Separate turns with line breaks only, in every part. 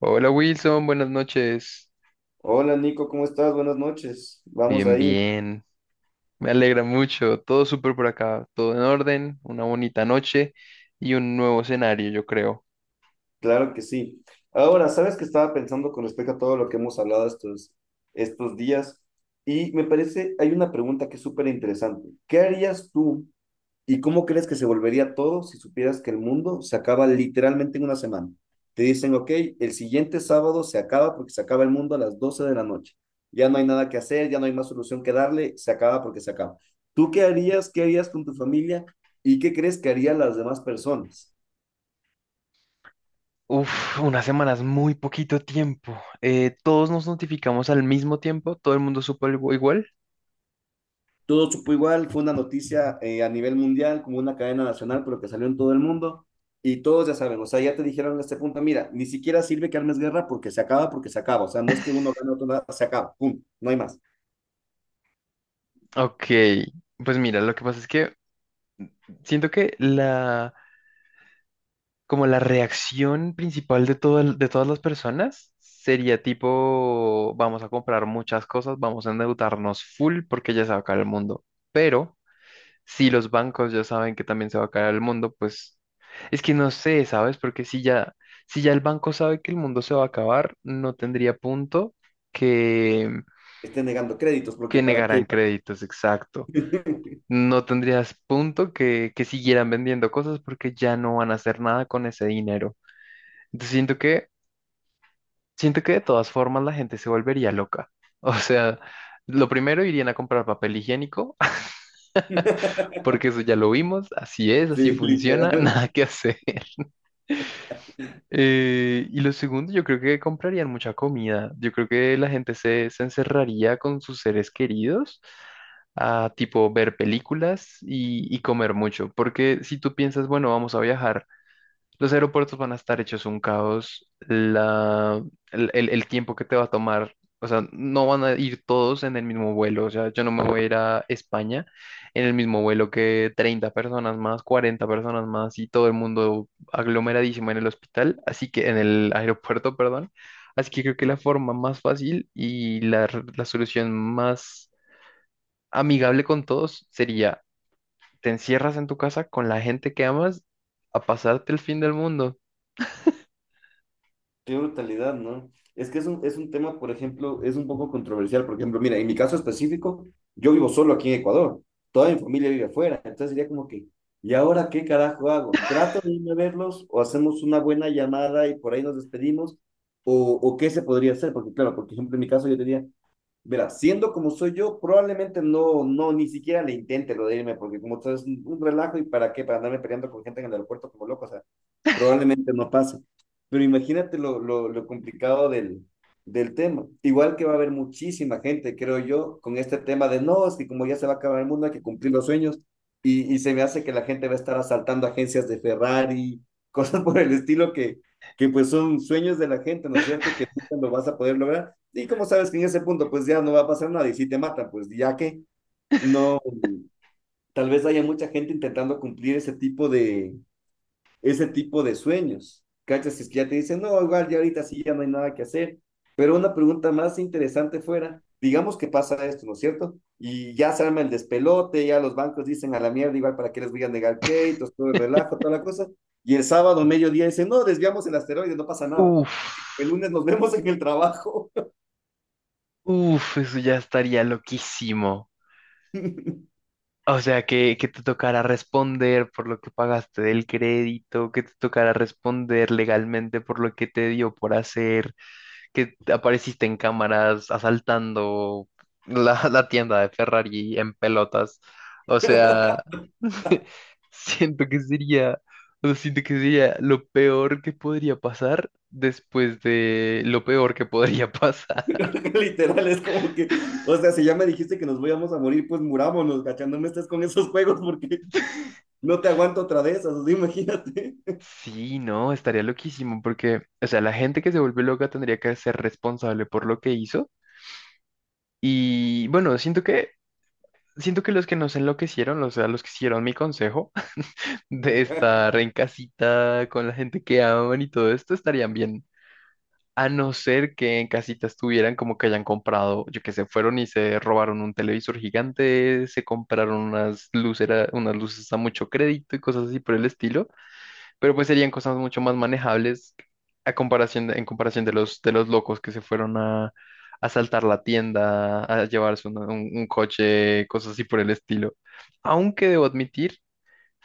Hola Wilson, buenas noches.
Hola Nico, ¿cómo estás? Buenas noches. Vamos
Bien,
ahí,
bien. Me alegra mucho. Todo súper por acá. Todo en orden. Una bonita noche y un nuevo escenario, yo creo.
claro que sí. Ahora, ¿sabes qué estaba pensando con respecto a todo lo que hemos hablado estos días? Y me parece, hay una pregunta que es súper interesante. ¿Qué harías tú? ¿Y cómo crees que se volvería todo si supieras que el mundo se acaba literalmente en una semana? Te dicen, ok, el siguiente sábado se acaba porque se acaba el mundo a las 12 de la noche. Ya no hay nada que hacer, ya no hay más solución que darle, se acaba porque se acaba. ¿Tú qué harías? ¿Qué harías con tu familia? ¿Y qué crees que harían las demás personas?
Uf, unas semanas, muy poquito tiempo. Todos nos notificamos al mismo tiempo. Todo el mundo supo algo igual.
Todo supo igual, fue una noticia a nivel mundial, como una cadena nacional, pero que salió en todo el mundo. Y todos ya saben, o sea, ya te dijeron en este punto, mira, ni siquiera sirve que armes guerra porque se acaba, porque se acaba. O sea, no es que uno gane otro nada, se acaba, pum, no hay más.
Ok, pues mira, lo que pasa es que siento que la como la reacción principal de de todas las personas sería tipo, vamos a comprar muchas cosas, vamos a endeudarnos full porque ya se va a acabar el mundo. Pero si los bancos ya saben que también se va a acabar el mundo, pues es que no sé, ¿sabes? Porque si ya, si ya el banco sabe que el mundo se va a acabar, no tendría punto que,
Estén negando créditos, porque
que,
para qué.
negaran créditos, exacto. No tendrías punto que siguieran vendiendo cosas porque ya no van a hacer nada con ese dinero. Entonces siento que Siento que de todas formas la gente se volvería loca. O sea, lo primero irían a comprar papel higiénico, porque eso ya lo vimos, así es, así
Sí,
funciona,
literal.
nada que hacer. Y lo segundo, yo creo que comprarían mucha comida. Yo creo que la gente se encerraría con sus seres queridos a tipo ver películas y comer mucho, porque si tú piensas, bueno, vamos a viajar. Los aeropuertos van a estar hechos un caos. El tiempo que te va a tomar, o sea, no van a ir todos en el mismo vuelo. O sea, yo no me voy a ir a España en el mismo vuelo que 30 personas más, 40 personas más y todo el mundo aglomeradísimo en el hospital, así que en el aeropuerto, perdón. Así que creo que la forma más fácil y la solución más amigable con todos sería, te encierras en tu casa con la gente que amas a pasarte el fin del mundo.
Qué brutalidad, ¿no? Es que es un tema, por ejemplo, es un poco controversial. Por ejemplo, mira, en mi caso específico, yo vivo solo aquí en Ecuador. Toda mi familia vive afuera. Entonces sería como que, ¿y ahora qué carajo hago? ¿Trato de irme a verlos o hacemos una buena llamada y por ahí nos despedimos? ¿O qué se podría hacer? Porque claro, por ejemplo, en mi caso yo tenía, mira, siendo como soy yo, probablemente no, no, ni siquiera le intente lo de irme, porque como sabes, un relajo y para qué, para andarme peleando con gente en el aeropuerto como loco, o sea, probablemente no pase. Pero imagínate lo complicado del tema. Igual que va a haber muchísima gente, creo yo, con este tema de no, es que como ya se va a acabar el mundo, hay que cumplir los sueños. Y se me hace que la gente va a estar asaltando agencias de Ferrari, cosas por el estilo que pues son sueños de la gente, ¿no es cierto? Y que nunca lo vas a poder lograr. Y como sabes que en ese punto pues ya no va a pasar nada y si te matan, pues ya que no, tal vez haya mucha gente intentando cumplir ese tipo de sueños. ¿Cachas? Es que ya te dicen, no, igual ya ahorita sí ya no hay nada que hacer. Pero una pregunta más interesante fuera, digamos que pasa esto, ¿no es cierto? Y ya se arma el despelote, ya los bancos dicen a la mierda, igual para qué les voy a negar créditos, todo el relajo, toda la cosa. Y el sábado, mediodía, dicen, no, desviamos el asteroide, no pasa nada.
Uf,
El lunes nos vemos en el trabajo.
uf, eso ya estaría loquísimo. O sea, que, te tocara responder por lo que pagaste del crédito, que te tocara responder legalmente por lo que te dio por hacer, que apareciste en cámaras asaltando la, la tienda de Ferrari en pelotas. O sea, siento que sería, o sea, siento que sería lo peor que podría pasar después de lo peor que podría pasar.
Literal, es como que, o sea, si ya me dijiste que nos íbamos a morir, pues murámonos, cachando, no me estés con esos juegos porque no te aguanto otra vez, esas, o sea, imagínate.
Sí, no, estaría loquísimo porque, o sea, la gente que se vuelve loca tendría que ser responsable por lo que hizo. Y bueno, siento que los que nos enloquecieron, o sea, los que hicieron mi consejo de estar en casita con la gente que aman y todo esto, estarían bien. A no ser que en casita estuvieran como que hayan comprado, yo que se fueron y se robaron un televisor gigante, se compraron unas luceras, unas luces a mucho crédito y cosas así por el estilo. Pero pues serían cosas mucho más manejables a comparación de- en comparación de los, locos que se fueron a asaltar la tienda, a llevarse una- un coche, cosas así por el estilo. Aunque debo admitir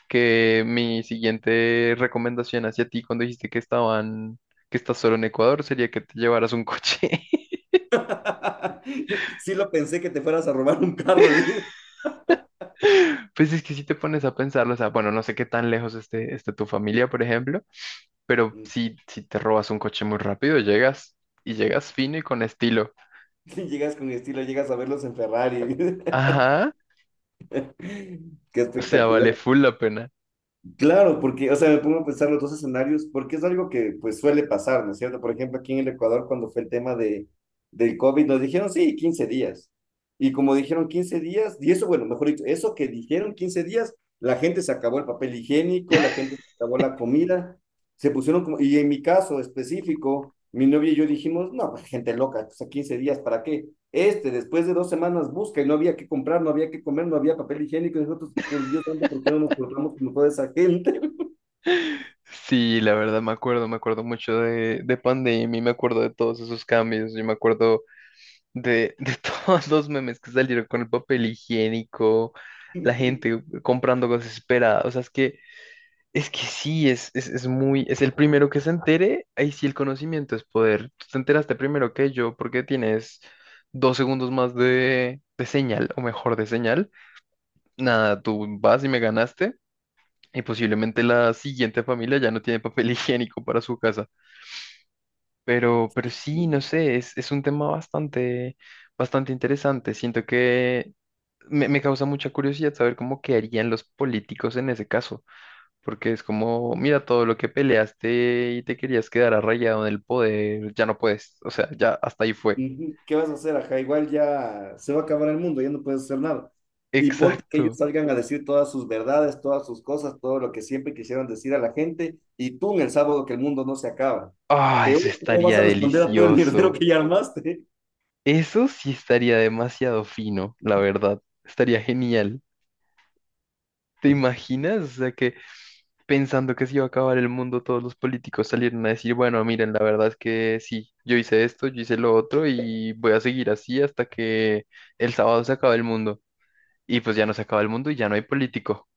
que mi siguiente recomendación hacia ti cuando dijiste que estaban, que estás solo en Ecuador, sería que te llevaras un coche.
Sí lo pensé que te fueras a robar un carro.
Pues es que si te pones a pensarlo, o sea, bueno, no sé qué tan lejos esté, tu familia, por ejemplo, pero si te robas un coche muy rápido, llegas y llegas fino y con estilo.
Llegas con estilo, llegas a verlos en Ferrari.
Ajá,
Qué
o sea, vale
espectacular.
full la pena.
Claro, porque, o sea, me pongo a pensar los dos escenarios, porque es algo que pues suele pasar, ¿no es cierto? Por ejemplo, aquí en el Ecuador, cuando fue el tema del COVID, nos dijeron, sí, 15 días. Y como dijeron 15 días, y eso, bueno, mejor dicho, eso que dijeron 15 días, la gente se acabó el papel higiénico, la gente se acabó la comida, se pusieron como, y en mi caso específico, mi novia y yo dijimos, no, pues, gente loca, o sea, 15 días, ¿para qué? Este, después de 2 semanas busca y no había que comprar, no había que comer, no había papel higiénico, y nosotros, por Dios santo, ¿por qué no nos portamos como toda esa gente?
Sí, la verdad me acuerdo mucho de Pandemia, me acuerdo de todos esos cambios, yo me acuerdo de todos los memes que salieron con el papel higiénico, la gente comprando cosas desesperada, o sea, es que, sí, es el primero que se entere, ahí sí el conocimiento es poder. Tú te enteraste primero que yo porque tienes 2 segundos más de señal, o mejor de señal. Nada, tú vas y me ganaste. Y posiblemente la siguiente familia ya no tiene papel higiénico para su casa. Pero sí, no sé, es un tema bastante, bastante interesante. Siento que me causa mucha curiosidad saber cómo qué harían los políticos en ese caso. Porque es como, mira, todo lo que peleaste y te querías quedar arraigado en el poder, ya no puedes. O sea, ya hasta ahí fue.
¿Qué vas a hacer, ajá? Igual ya se va a acabar el mundo, ya no puedes hacer nada. Y ponte que ellos
Exacto.
salgan a decir todas sus verdades, todas sus cosas, todo lo que siempre quisieron decir a la gente, y tú en el sábado que el mundo no se acaba.
Ah,
Peor,
eso
¿cómo vas
estaría
a responder a todo el mierdero
delicioso.
que ya armaste?
Eso sí estaría demasiado fino, la verdad. Estaría genial. ¿Te imaginas? O sea, que pensando que se iba a acabar el mundo, todos los políticos salieron a decir, bueno, miren, la verdad es que sí, yo hice esto, yo hice lo otro y voy a seguir así hasta que el sábado se acabe el mundo. Y pues ya no se acaba el mundo y ya no hay político.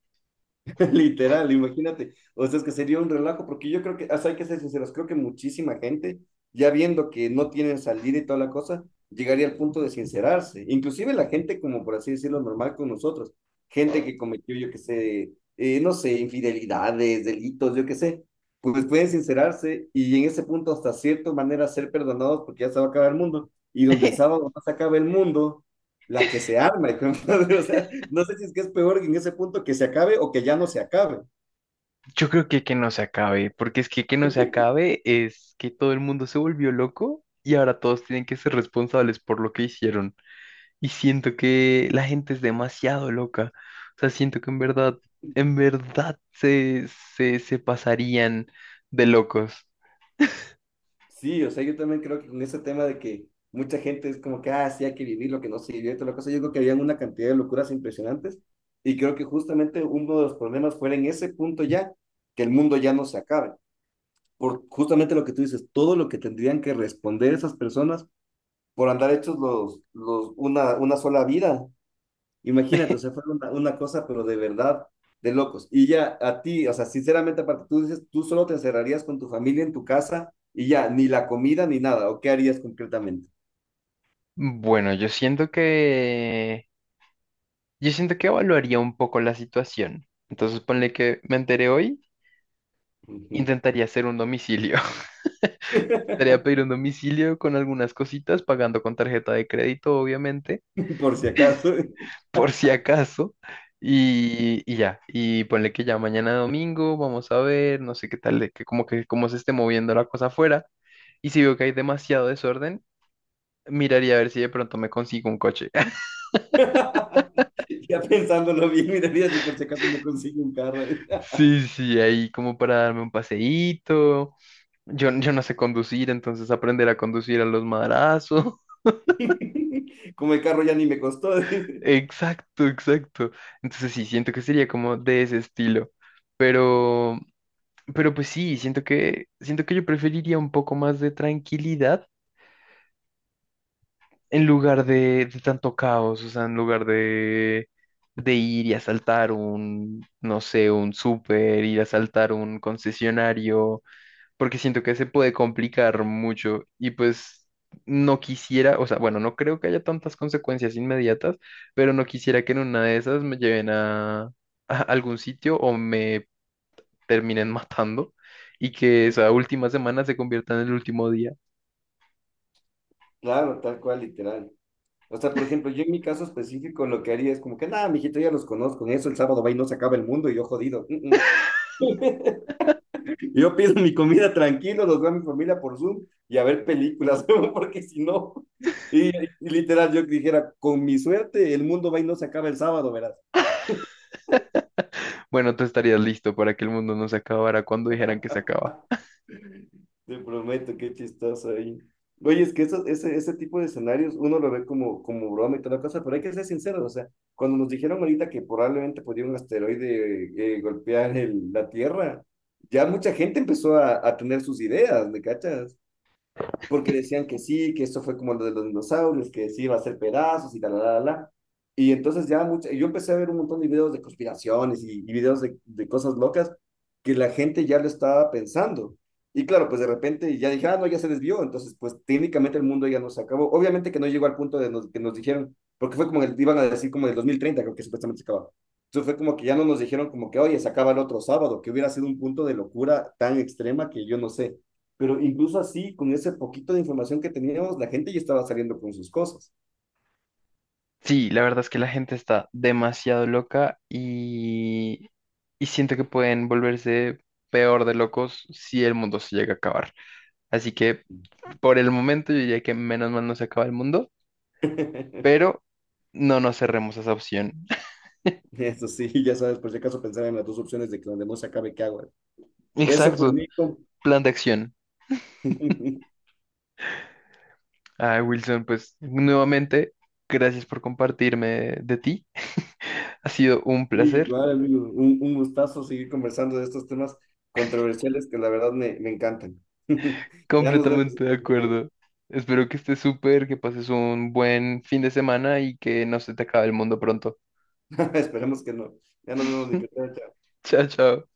Literal, imagínate. O sea, es que sería un relajo, porque yo creo que, o sea, hay que ser sinceros, creo que muchísima gente, ya viendo que no tienen salida y toda la cosa, llegaría al punto de sincerarse. Inclusive la gente, como por así decirlo, normal con nosotros. Gente que cometió, yo qué sé, no sé, infidelidades, delitos, yo qué sé. Pues pueden sincerarse y en ese punto, hasta cierta manera, ser perdonados porque ya se va a acabar el mundo. Y donde el sábado no se acaba el mundo, la que se arma, hijo de madre, o sea, no sé si es que es peor en ese punto que se acabe o que ya no se acabe.
Yo creo que no se acabe, porque es que no se acabe es que todo el mundo se volvió loco y ahora todos tienen que ser responsables por lo que hicieron. Y siento que la gente es demasiado loca. O sea, siento que en verdad se pasarían de locos.
Sí, o sea, yo también creo que con ese tema de que mucha gente es como que, ah, sí, hay que vivir lo que no se vivió y toda la cosa, yo creo que habían una cantidad de locuras impresionantes y creo que justamente uno de los problemas fue en ese punto ya, que el mundo ya no se acabe, por justamente lo que tú dices, todo lo que tendrían que responder esas personas por andar hechos una sola vida, imagínate, o sea, fue una cosa, pero de verdad, de locos. Y ya a ti, o sea, sinceramente, aparte, tú dices, tú solo te encerrarías con tu familia en tu casa y ya, ni la comida ni nada, ¿o qué harías concretamente?
Bueno, yo siento que evaluaría un poco la situación. Entonces, ponle que me enteré hoy,
Ujú.
intentaría hacer un domicilio. Intentaría pedir un domicilio con algunas cositas, pagando con tarjeta de crédito, obviamente.
Por si acaso,
por si acaso. Y ya, y ponle que ya mañana domingo, vamos a ver, no sé qué tal, de que como que cómo se esté moviendo la cosa afuera. Y si veo que hay demasiado desorden, miraría a ver si de pronto me consigo un coche.
ya pensándolo bien, miraría si por si acaso me consigo un carro.
Sí, sí, ahí como para darme un paseíto. Yo no sé conducir, entonces aprender a conducir a los madrazos.
Como el carro ya ni me costó, dice.
Exacto, exacto. Entonces sí, siento que sería como de ese estilo. Pero, Pero pues sí, siento que yo preferiría un poco más de tranquilidad en lugar de, tanto caos, o sea, en lugar de ir y asaltar un, no sé, un súper, ir a asaltar un concesionario, porque siento que se puede complicar mucho y pues no quisiera, o sea, bueno, no creo que haya tantas consecuencias inmediatas, pero no quisiera que en una de esas me lleven a algún sitio o me terminen matando y que esa última semana se convierta en el último día.
Claro, tal cual, literal. O sea, por ejemplo, yo en mi caso específico lo que haría es como que, nada, mijito, ya los conozco, en eso el sábado va y no se acaba el mundo y yo jodido. Mm, mm. Yo pido mi comida tranquilo, los veo a mi familia por Zoom y a ver películas, porque si no, y literal yo dijera, con mi suerte, el mundo va y no se acaba el sábado, verás.
Bueno, tú estarías listo para que el mundo no se acabara cuando dijeran que se acaba.
Te prometo, qué chistoso ahí. Oye, es que eso, ese tipo de escenarios uno lo ve como broma y toda la cosa, pero hay que ser sinceros. O sea, cuando nos dijeron ahorita que probablemente podía un asteroide golpear la Tierra, ya mucha gente empezó a tener sus ideas, ¿me cachas? Porque decían que sí, que esto fue como lo de los dinosaurios, que sí iba a ser pedazos y tal, la, la, la. Y entonces ya yo empecé a ver un montón de videos de conspiraciones y videos de cosas locas que la gente ya lo estaba pensando. Y claro, pues de repente ya dije, ah, no, ya se desvió. Entonces, pues técnicamente el mundo ya no se acabó. Obviamente que no llegó al punto de que nos dijeron, porque fue como, iban a decir como el 2030 creo que supuestamente se acababa. Entonces fue como que ya no nos dijeron como que, oye, se acaba el otro sábado, que hubiera sido un punto de locura tan extrema que yo no sé. Pero incluso así, con ese poquito de información que teníamos, la gente ya estaba saliendo con sus cosas.
Sí, la verdad es que la gente está demasiado loca y siento que pueden volverse peor de locos si el mundo se llega a acabar. Así que por el momento yo diría que menos mal no se acaba el mundo, pero no nos cerremos a esa opción.
Eso sí, ya sabes, por si acaso pensar en las dos opciones de que donde no se acabe, ¿qué hago? Eso pues,
Exacto,
Nico.
plan de acción. Ah, Wilson, pues nuevamente, gracias por compartirme de ti. Ha sido un
Y
placer,
igual, amigo, un gustazo seguir conversando de estos temas controversiales que la verdad me encantan. Ya nos vemos,
completamente de
amigo.
acuerdo. Espero que estés súper, que pases un buen fin de semana y que no se te acabe el mundo pronto.
Esperemos que no. Ya nos vemos, Nico. Chao, chao.
Chao, chao.